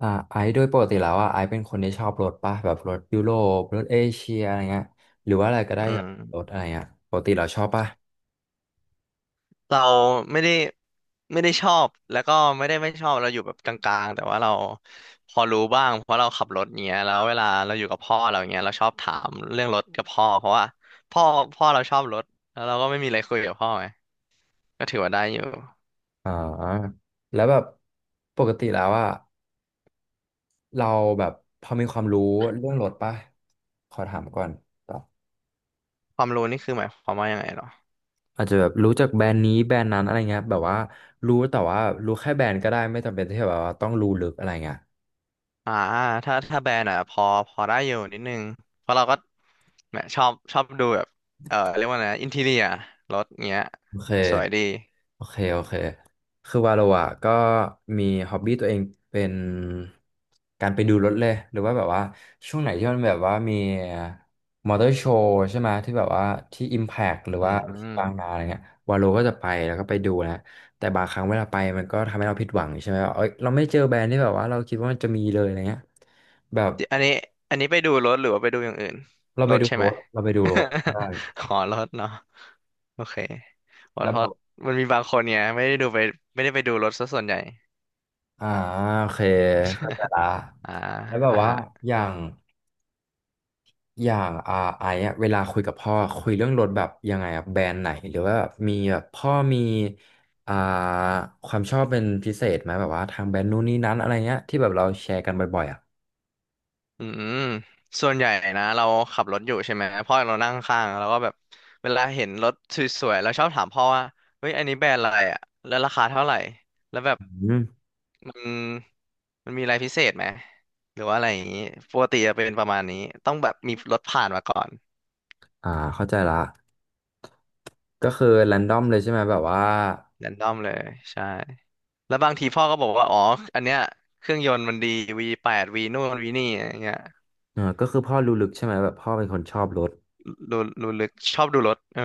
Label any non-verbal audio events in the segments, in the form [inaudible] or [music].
ไอซ์โดยปกติแล้วอ่ะไอซ์เป็นคนที่ชอบรถป่ะแบบรถยุโรปรถเอเชียอะไรเงี้ยหรือว่าอะไรก็ได้อืแบบรถมอะไรเงี้ยปกติเราชอบป่ะเราไม่ได้ไม่ได้ชอบแล้วก็ไม่ได้ไม่ชอบเราอยู่แบบกลางๆแต่ว่าเราพอรู้บ้างเพราะเราขับรถเงี้ยแล้วเวลาเราอยู่กับพ่อเราเงี้ยเราชอบถามเรื่องรถกับพ่อเพราะว่าพ่อพ่อเราชอบรถแล้วเราก็ไม่มีอะไรคุยกับพ่อไงก็ถือว่าได้อยู่อ่าแล้วแบบปกติแล้วอ่ะเราแบบพอมีความรู้เรื่องรถป่ะขอถามก่อนตบบความรู้นี่คือหมายความว่ายังไงเหรออาจจะแบบรู้จักแบรนด์นี้แบรนด์นั้นอะไรเงี้ยแบบว่ารู้แต่ว่ารู้แค่แบรนด์ก็ได้ไม่จำเป็นที่แบบว่าต้องรู้ลึกอะไรเงี้ย อ่าถ้าแบรนด์อ่ะพอได้อยู่นิดนึงเพราะเราก็แหมชอบดูแบบเออเรียกว่าไงอินทีเรียรถเงี้ยโอเคสวยดีโอเคโอเค คือว่าเราอะก็มีฮ็อบบี้ตัวเองเป็นการไปดูรถเลย หรือว่าแบบว่าช่วงไหนที่มันแบบว่ามีมอเตอร์โชว์ใช่ไหมที่แบบว่าที่ Impact หรืออืว่าที่บางนาม อะไรเงี้ยวาโลก็จะไปแล้วก็ไปดูนะแต่บางครั้งเวลาไปมันก็ทำให้เราผิดหวังใช่ไหมว่าเอ้ยเราไม่เจอแบรนด์ที่แบบว่าเราคิดว่ามันจะมีเลยอะไรเงี้ยแบบอันนี้ไปดูรถหรือว่าไปดูอย่างอื่นเราไปรถดูใช่รไหม ถเราไปดูรถใช [laughs] ่ขอรถเนาะโอเครถแล้วฮอแบตบมันมีบางคนเนี่ยไม่ได้ดูไปไม่ได้ไปดูรถซะส่วนใหญ่อ่าโอเคเข้าใจละอ่าแล้วแบบอ่าว่าฮะอย่าง อย่างไอ้อะเวลาคุยกับพ่อคุยเรื่องรถแบบยังไงอะแบรนด์ไหนหรือว่าแบบมีแบบพ่อมีอ่าความชอบเป็นพิเศษไหมแบบว่าทางแบรนด์นู้นนี้นั้นอะไรเงี้ยที่แบบเราแชร์กันบ่อยๆอ่ะอืมส่วนใหญ่นะเราขับรถอยู่ใช่ไหมพ่อเรานั่งข้างแล้วก็แบบเวลาเห็นรถสวยๆเราชอบถามพ่อว่าเฮ้ยอันนี้แบรนด์อะไรอ่ะแล้วราคาเท่าไหร่แล้วแบบอืมมันมันมีอะไรพิเศษไหมหรือว่าอะไรอย่างนี้ปกติจะเป็นประมาณนี้ต้องแบบมีรถผ่านมาก่อนอ่าเข้าใจละก็คือแรนดอมเลยใช่ไหมแบบว่าแรนดอมเลยใช่ แล้วบางทีพ่อก็บอกว่าอ๋ออันเนี้ยเครื่องยนต์มันดี V8 V นู่นวีนี่อะไรเงี้ยเออก็คือพ่อรู้ลึกใช่ไหมแบบพ่อเป็นคนชอบรถรู้ลึกชอบดูรถเออ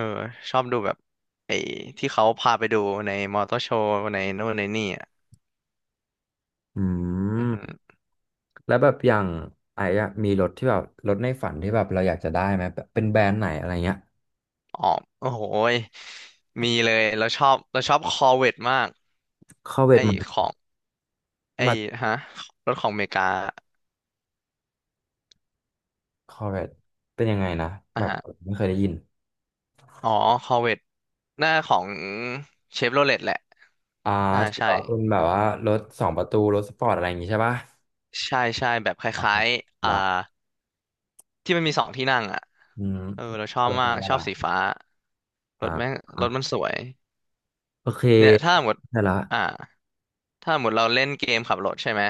ชอบดูแบบไอ้ที่เขาพาไปดูในมอเตอร์โชว์ในนู่นในนี่อ่ะอือือหือมแล้วแบบอย่างไอ้อะมีรถที่แบบรถในฝันที่แบบเราอยากจะได้ไหมแบบเป็นแบรนด์ไหนอะไรเงี้ยอ๋อโอ้โหยมีเลยเราชอบเราชอบคอร์เวตมากเข้อเวทไอ้ของไอ้มา ฮะรถของอเมริกาคอร์เวตเป็นยังไงนะแบอ่ะบฮะไม่เคยได้ยินอ๋อคอร์เวตหน้าของเชฟโรเลตแหละอ่าอ่าถือใช่ว่าเป็นแบบว่ารถสองประตูรถสปอร์ตอะไรอย่างงี้ใช่ปะใช่แบบคอ๋อล้ายๆละที่มันมีสองที่นั่งอ่ะอืมเออเราชออะบไรมากักนได้ชอบละสีฟ้ารอ่าถแม่งอ่ารถมันสวยโอเคเนี่ยถ้าหมดได้ละ อ่าถ้าหมดเราเล่นเกมขับรถใช่ไหม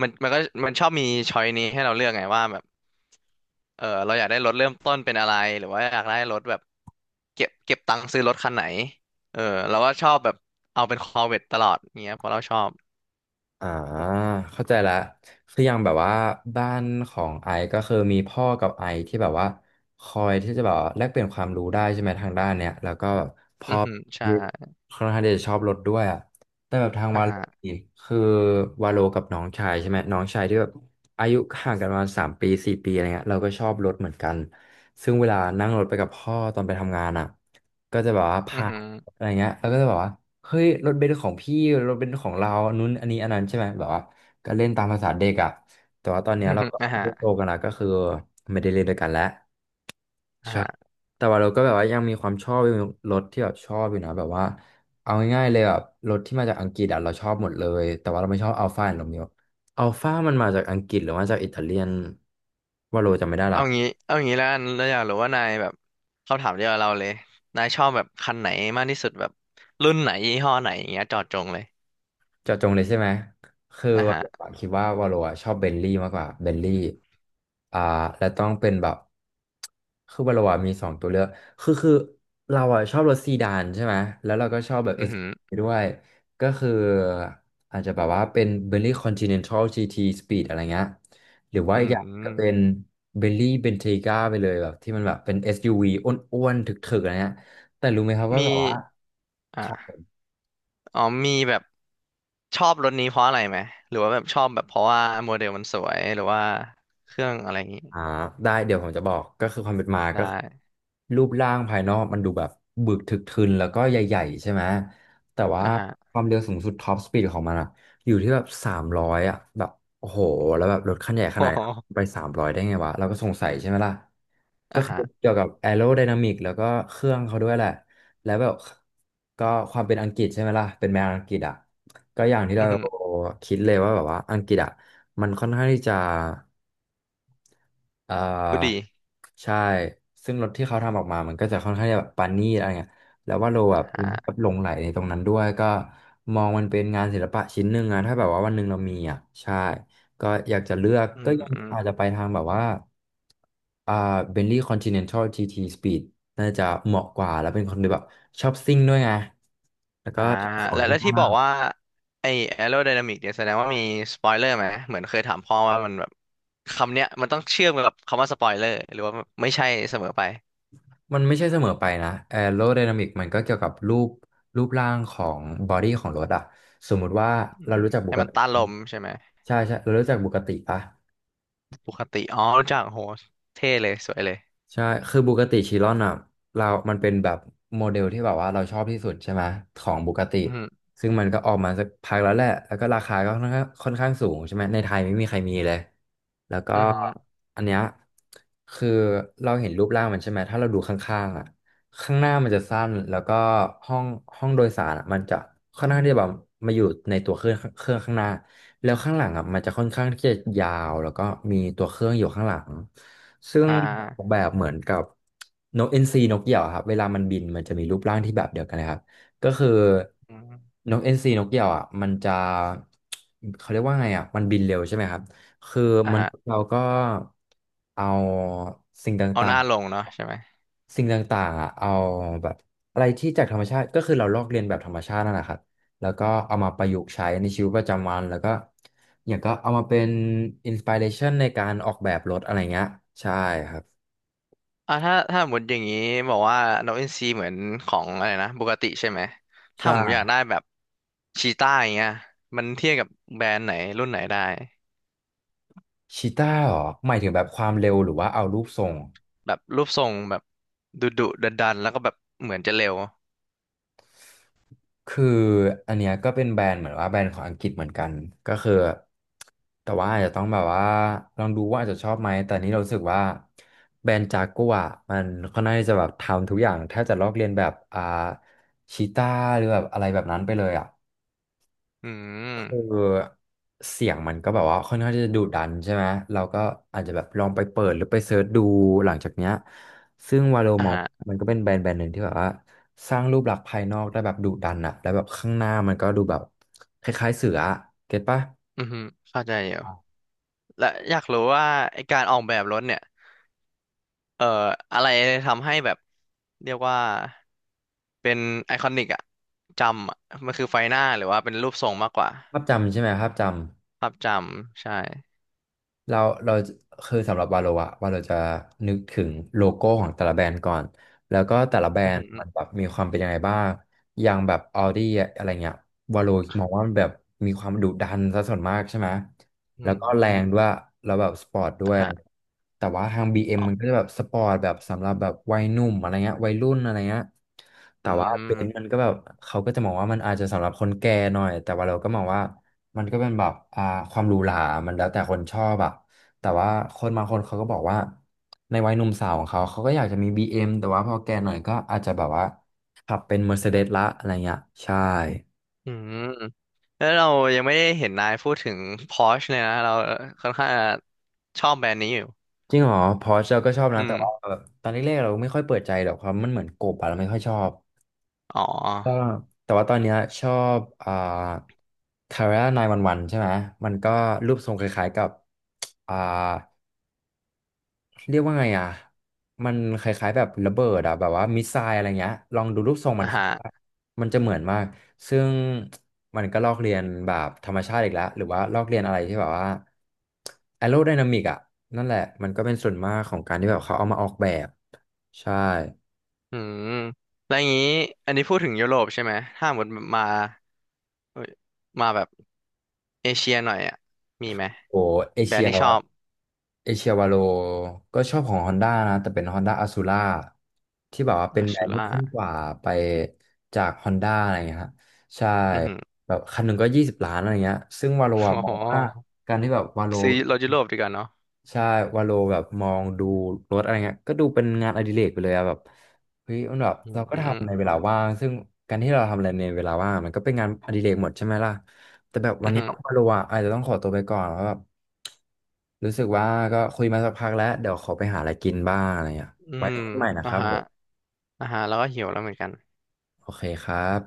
มันก็มันชอบมีช้อยนี้ให้เราเลือกไงว่าแบบเออเราอยากได้รถเริ่มต้นเป็นอะไรหรือว่าอยากได้รถแบบเก็บตังค์ซื้อรถคันไหนเออเราก็ชอบแบบเอาเป็นคอเวตตลอดเงี้ยเพราะเราชอบอ่าเข้าใจละคืออย่างแบบว่าบ้านของไอซ์ก็คือมีพ่อกับไอซ์ที่แบบว่าคอยที่จะแบบว่าแลกเปลี่ยนความรู้ได้ใช่ไหมทางด้านเนี้ยแล้วก็พ่อืออหือใช่ที่ค่อนข้างที่จะชอบรถด้วยอ่ะแต่แบบทางอ่าวาโลฮะนี่คือวาโลกับน้องชายใช่ไหมน้องชายที่แบบอายุห่างกันประมาณ3-4 ปีอะไรเงี้ยเราก็ชอบรถเหมือนกันซึ่งเวลานั่งรถไปกับพ่อตอนไปทำงานอ่ะก็จะแบบว่าอืพา อหืออะไรเงี้ยแล้วก็จะแบบว่า เฮ้ยรถเบนซ์ของพี่รถเบนซ์ของเรานู้นอันนี้อันนั้นใช่ไหมแบบว่าก็เล่นตามภาษาเด็กอ่ะแต่ว่าตอนเนี้ยอือเราหือก็อ่าฮะโตกันแล้วก็คือไม่ได้เล่นด้วยกันแล้วอ่าใช่ฮะ แต่ว่าเราก็แบบว่ายังมีความชอบยังมีรถที่แบบชอบอยู่นะแบบว่าเอาง่ายๆเลยแบบรถที่มาจากอังกฤษอ่ะเราชอบหมดเลย แต่ว่าเราไม่ชอบอัลฟาโรเมโออัลฟามันมาจากอังกฤษหรือว่าจากอิตาเลียนว่าโรจำไม่ได้ละ เอางี้แล้วกันเราอยากรู้ว่านายแบบเขาถามเดียวกับเราเลยนายชอบแบบคันไหนมากที่สุดแบบรุ่นไหนยี่ห้อไหนอย่างเงี้ยเจอดจงเลยเจาะจงเลยใช่ไหม คืออ่ะวาฮะโลอะคิดว่าวาโลอะชอบเบนลี่มากกว่าเบนลี่อ่าและต้องเป็นแบบคือวาโลอะมีสองตัวเลือกคือเราอะชอบรถซีดานใช่ไหมแล้วเราก็ชอบแบบเออือสหือด้วยก็คืออาจจะแบบว่าเป็นเบนลี่คอนติเนนทัลจีทีสปีดอะไรเงี้ยหรือว่าอือีกอย่างก็เป็นมเบนลี่เบนเทก้าไปเลยแบบที่มันแบบเป็น SUV อสยูวีอ้วนๆถึกๆอะไรเงี้ยแต่รู้ไหมครับว่ามีแบบว่า อ่ะอ๋อมีแบบชอบรถนี้เพราะอะไรไหมหรือว่าแบบชอบแบบเพราะว่าโมเดลมันสวยหรือว่าเครื่องอะไรอย่างงี้อ่าได้เดี๋ยวผมจะบอกก็คือความเป็นมาไก็คือด้รูปร่างภายนอกมันดูแบบบึกทึกทึนแล้วก็ใหญ่ๆใช่ไหมแต่ว่าอ่ะฮะ ความเร็วสูงสุดท็อปสปีดของมันอะอยู่ที่แบบสามร้อยอะแบบโอ้โหแล้วแบบรถคันใหญ่ [laughs] ขโอ้นาดนั้นโหไปสามร้อยได้ไงวะเราก็สงสัยใช่ไหมล่ะก็อ่ะคือฮะเกี่ยวกับแอโร d y นามิกแล้วก็เครื่องเขาด้วยแหละแล้วแบบก็ความเป็นอังกฤษใช่ไหมล่ะเป็นแมวอังกฤษอะก็อย่างที่อืเราอหือคิดเลยว่าแบบว่าอังกฤษอะมันค่อนข้างที่จะ อ่พูดดีาใช่ซึ่งรถที่เขาทำออกมามันก็จะค่อนข้างจะแบบปานนี่อะไรเงี้ยแล้วว่าเราแบบฮะหลงไหลในตรงนั้นด้วยก็มองมันเป็นงานศิลปะชิ้นหนึ่งอะถ้าแบบว่าวันหนึ่งเรามีอ่ะใช่ก็อยากจะเลือกอืก็ยังอาจจะม ไปทางแบบว่าอ่าเบนลี่คอนติเนนทัลจีท Speed น่าจะเหมาะกว่าแล้วเป็นคนที่แบบชอบซิ่งด้วยไงแล้วก็อ่าชอบของแล้วที่ที่มาบอกก ว่าไอ้ aerodynamic เนี่ยแสดงว่ามีสปอยเลอร์ไหมเหมือนเคยถามพ่อว่ามันแบบคำเนี้ยมันต้องเชื่อมกับคำว่าสปอยเลอร์หรือว่าไม่ใช่เสมอไปมันไม่ใช่เสมอไปนะแอโร d y นามิกมันก็เกี่ยวกับรูปร่างของบอดี้ของรถอะสมมุติว่าเรารู้จักบุให้กมันติต้านลมใช่ไหมใช่ใช่เรารู้จักบุกติปะ ปกติอ๋อรู้จักโหเท่เลยสวยเลยใช่ คือบูกาติชิรอนอ่ะเรามันเป็นแบบโมเดลที่แบบว่าเราชอบที่สุดใช่ไหมของบูกาติอืมซึ่งมันก็ออกมาสักพักแล้วแหละแล้วก็ราคาก็ค่อนข้างสูงใช่ไหมในไทยไม่มีใครมีเลย แล้วก็อหืมออือหืออันเนี้ยคือเราเห็นรูปร่างมันใช่ไหม ถ้าเราดูข้างๆอ่ะข้างหน้ามันจะสั้น แล้วก็ห้องห้องโดยสารอะมันจะค่อนข้างที่จะแบบมาอยู่ในตัวเครื่องข้างหน้า แล้วข้างหลังอ่ะมันจะค่อนข้างที่จะยาวแล้วก็มีตัวเครื่องอยู่ข้างหลังซึ่งอ่ออากแบบเหมือนกับนกเอ็นซีนกเหยี่ยวอะครับเวลามันบินมันจะมีรูปร่างที่แบบเดียวกันเลยครับก็คืออืมนกเอ็นซีนกเหยี่ยวอ่ะมันจะเขาเรียกว่าไงอ่ะมันบินเร็วใช่ไหมครับคืออ่ามนุฮะษย์เราก็เอาสิ่งตเอา่าหง น้าลงเนาะใช่ไหมสิ่งต่างๆอ่ะเอาแบบอะไรที่จากธรรมชาติ ก็คือเราลอกเลียนแบบธรรมชาตินั่นแหละครับแล้วก็เอามาประยุกต์ใช้ในชีวิตประจำวัน แล้วก็อย่างก็เอามาเป็นอินสปิเรชันในการออกแบบรถอะไรเงี้ย ใช่ครับ อ่าถ้าสมดอย่างนี้บอกว่านกอินทรีเหมือนของอะไรนะบูกาติใช่ไหมถ้าใช่ผมอยากได้แบบชีต้าอย่างเงี้ยมันเทียบกับแบรนด์ไหนรุ่นไหนได้ ชีต้าเหรอหมายถึงแบบความเร็วหรือว่าเอารูปทรง แบบรูปทรงแบบดุดันๆแล้วก็แบบเหมือนจะเร็วคืออันเนี้ยก็เป็นแบรนด์เหมือนว่าแบรนด์ของอังกฤษเหมือนกันก็คือแต่ว่าอาจจะต้องแบบว่าลองดูว่าอาจจะชอบไหมแต่นี้เรารู้สึกว่าแบรนด์จากัวร์มันค่อนข้างที่จะแบบทำทุกอย่างแทบจะลอกเลียนแบบชีต้าหรือแบบอะไรแบบนั้นไปเลยอ่ะ อืคืมอเสียงมันก็แบบว่าค่อนข้างที่จะดุดันใช่ไหมเราก็อาจจะแบบลองไปเปิดหรือไปเซิร์ชดูหลังจากเนี้ยซึ่งวาโลอ่ามองฮะมันก็เป็นแบรนด์หนึ่งที่แบบว่าสร้างรูปลักษณ์ภายนอกได้แบบดุดันอะแล้วแบบข้างหน้ามันก็ดูแบบคล้ายๆเสืออะเก็ตปะอือฮึเข้าใจอยู่และอยากรู้ว่าไอการออกแบบรถเนี่ยเอ่ออะไรทำให้แบบเรียกว่าเป็นไอคอนิกอะจำอะมันคือไฟหน้าหรือว่าเป็นรูปทรงมากกว่าภาพจำใช่ไหมภาพจำ ภาพจำใช่เราเราคือสำหรับวาโลอะวาโลจะนึกถึงโลโก้ของแต่ละแบรนด์ก่อนแล้วก็แต่ละแบรอืมอนหืด์มัมนแบบมีความเป็นยังไงบ้างอย่างแบบ Audi อะอะไรเงี้ยวาโลมองว่ามันแบบมีความดุดันซะส่วนมากใช่ไหมออืแล้วก็แรมงด้วยแล้วแบบสปอร์ตด้วอ่ะยอะไรฮะแต่ว่าทาง BM มอ๋อมันก็จะแบบสปอร์ตแบบสำหรับแบบวัยหนุ่มอะไรเงี้ยวัยรุ่นอะไรเงี้ยแต่อืว่าเบมนซ์มันก็แบบเขาก็จะมองว่ามันอาจจะสำหรับคนแก่หน่อยแต่ว่าเราก็มองว่า มันก็เป็นแบบความหรูหรามันแล้วแต่คนชอบอะแต่ว่าคนบางคนเขาก็บอกว่าในวัยหนุ่มสาวของเขาเขาก็อยากจะมี BM แต่ว่าพอแก่หน่อยก็อาจจะแบบว่าขับเป็น Mercedes ละอะไรเงี้ยใช่อืมแล้วเรายังไม่ได้เห็นนายพูดถึง Porsche เลยนะเราค่อนข้างจะชอบแบรนด์นี้อยู่จริงเหรอพอร์เชเราก็ชอบอืนะแต่มว่าแบบตอนแรกๆเราไม่ค่อยเปิดใจหรอกความมันเหมือนกบอะเราไม่ค่อยชอบอ๋ก็อ แต่ว่าตอนเนี้ยชอบคาร่านายวันวันใช่ไหมมันก็รูปทรงคล้ายๆกับอ่า เรียกว่าไงอ่ะมันคล้ายๆแบบระเบิดอ่ะแบบว่ามิสไซล์อะไรเงี้ยลองดูรูปทรงมัอ่านครับฮะมันจะเหมือนมากซึ่งมันก็ลอกเลียนแบบธรรมชาติอีกแล้วหรือว่าลอกเลียนอะไรที่แบบว่าแอโรไดนามิกอ่ะนั่นแหละมันก็เป็นส่วนมากของการที่แบบเขาเอามาออกแบบใช่อืมแล้วอย่างนี้อันนี้พูดถึงยุโรปใช่ไหม ถ้าหมดมาเอ้ยมาแบบเอเชียหน่อยอ่ะมีไหม โอ้เอแบรเชีนย ด์ที่ชอบเอเชียวาโลก็ชอบของ Honda นะ แต่เป็น Honda Azura ที่แบบว่าเป็นอาแบรชูนด์ที่ล่าขึ้นกว่าไปจาก Honda อะไรเงี้ยฮะใช่อือหือ แบบคันหนึ่งก็20 ล้านอะไรเงี้ยซึ่งวาโล [laughs] อะมออ๋งว่าอการที่แบบวาโล ซื้อรถยุโรปดีกว่าเนาะใช่วาโลแบบมองดูรถอะไรเงี้ยก็ดูเป็นงานอดิเรกไปเลยอะแบบเฮ้ยมันแบบอืมเราก็อืมทำในเวลาว่างซึ่งการที่เราทำอะไรในเวลาว่างมันก็เป็นงานอดิเรกหมดใช่ไหมล่ะแต่แบบวันอนี้หือวาโลอะอาจจะต้องขอตัวไปก่อนแล้วแบบรู้สึกว่าก็คุยมาสักพักแล้วเดี๋ยวขอไปหาอะไรกินบ้างอะไรเงี้ยอืไว้มคุยใหม่นะคอ่ารับฮะผมอ่าฮะแล้วก็หิวแล้วเหมือนกันโอเคครับ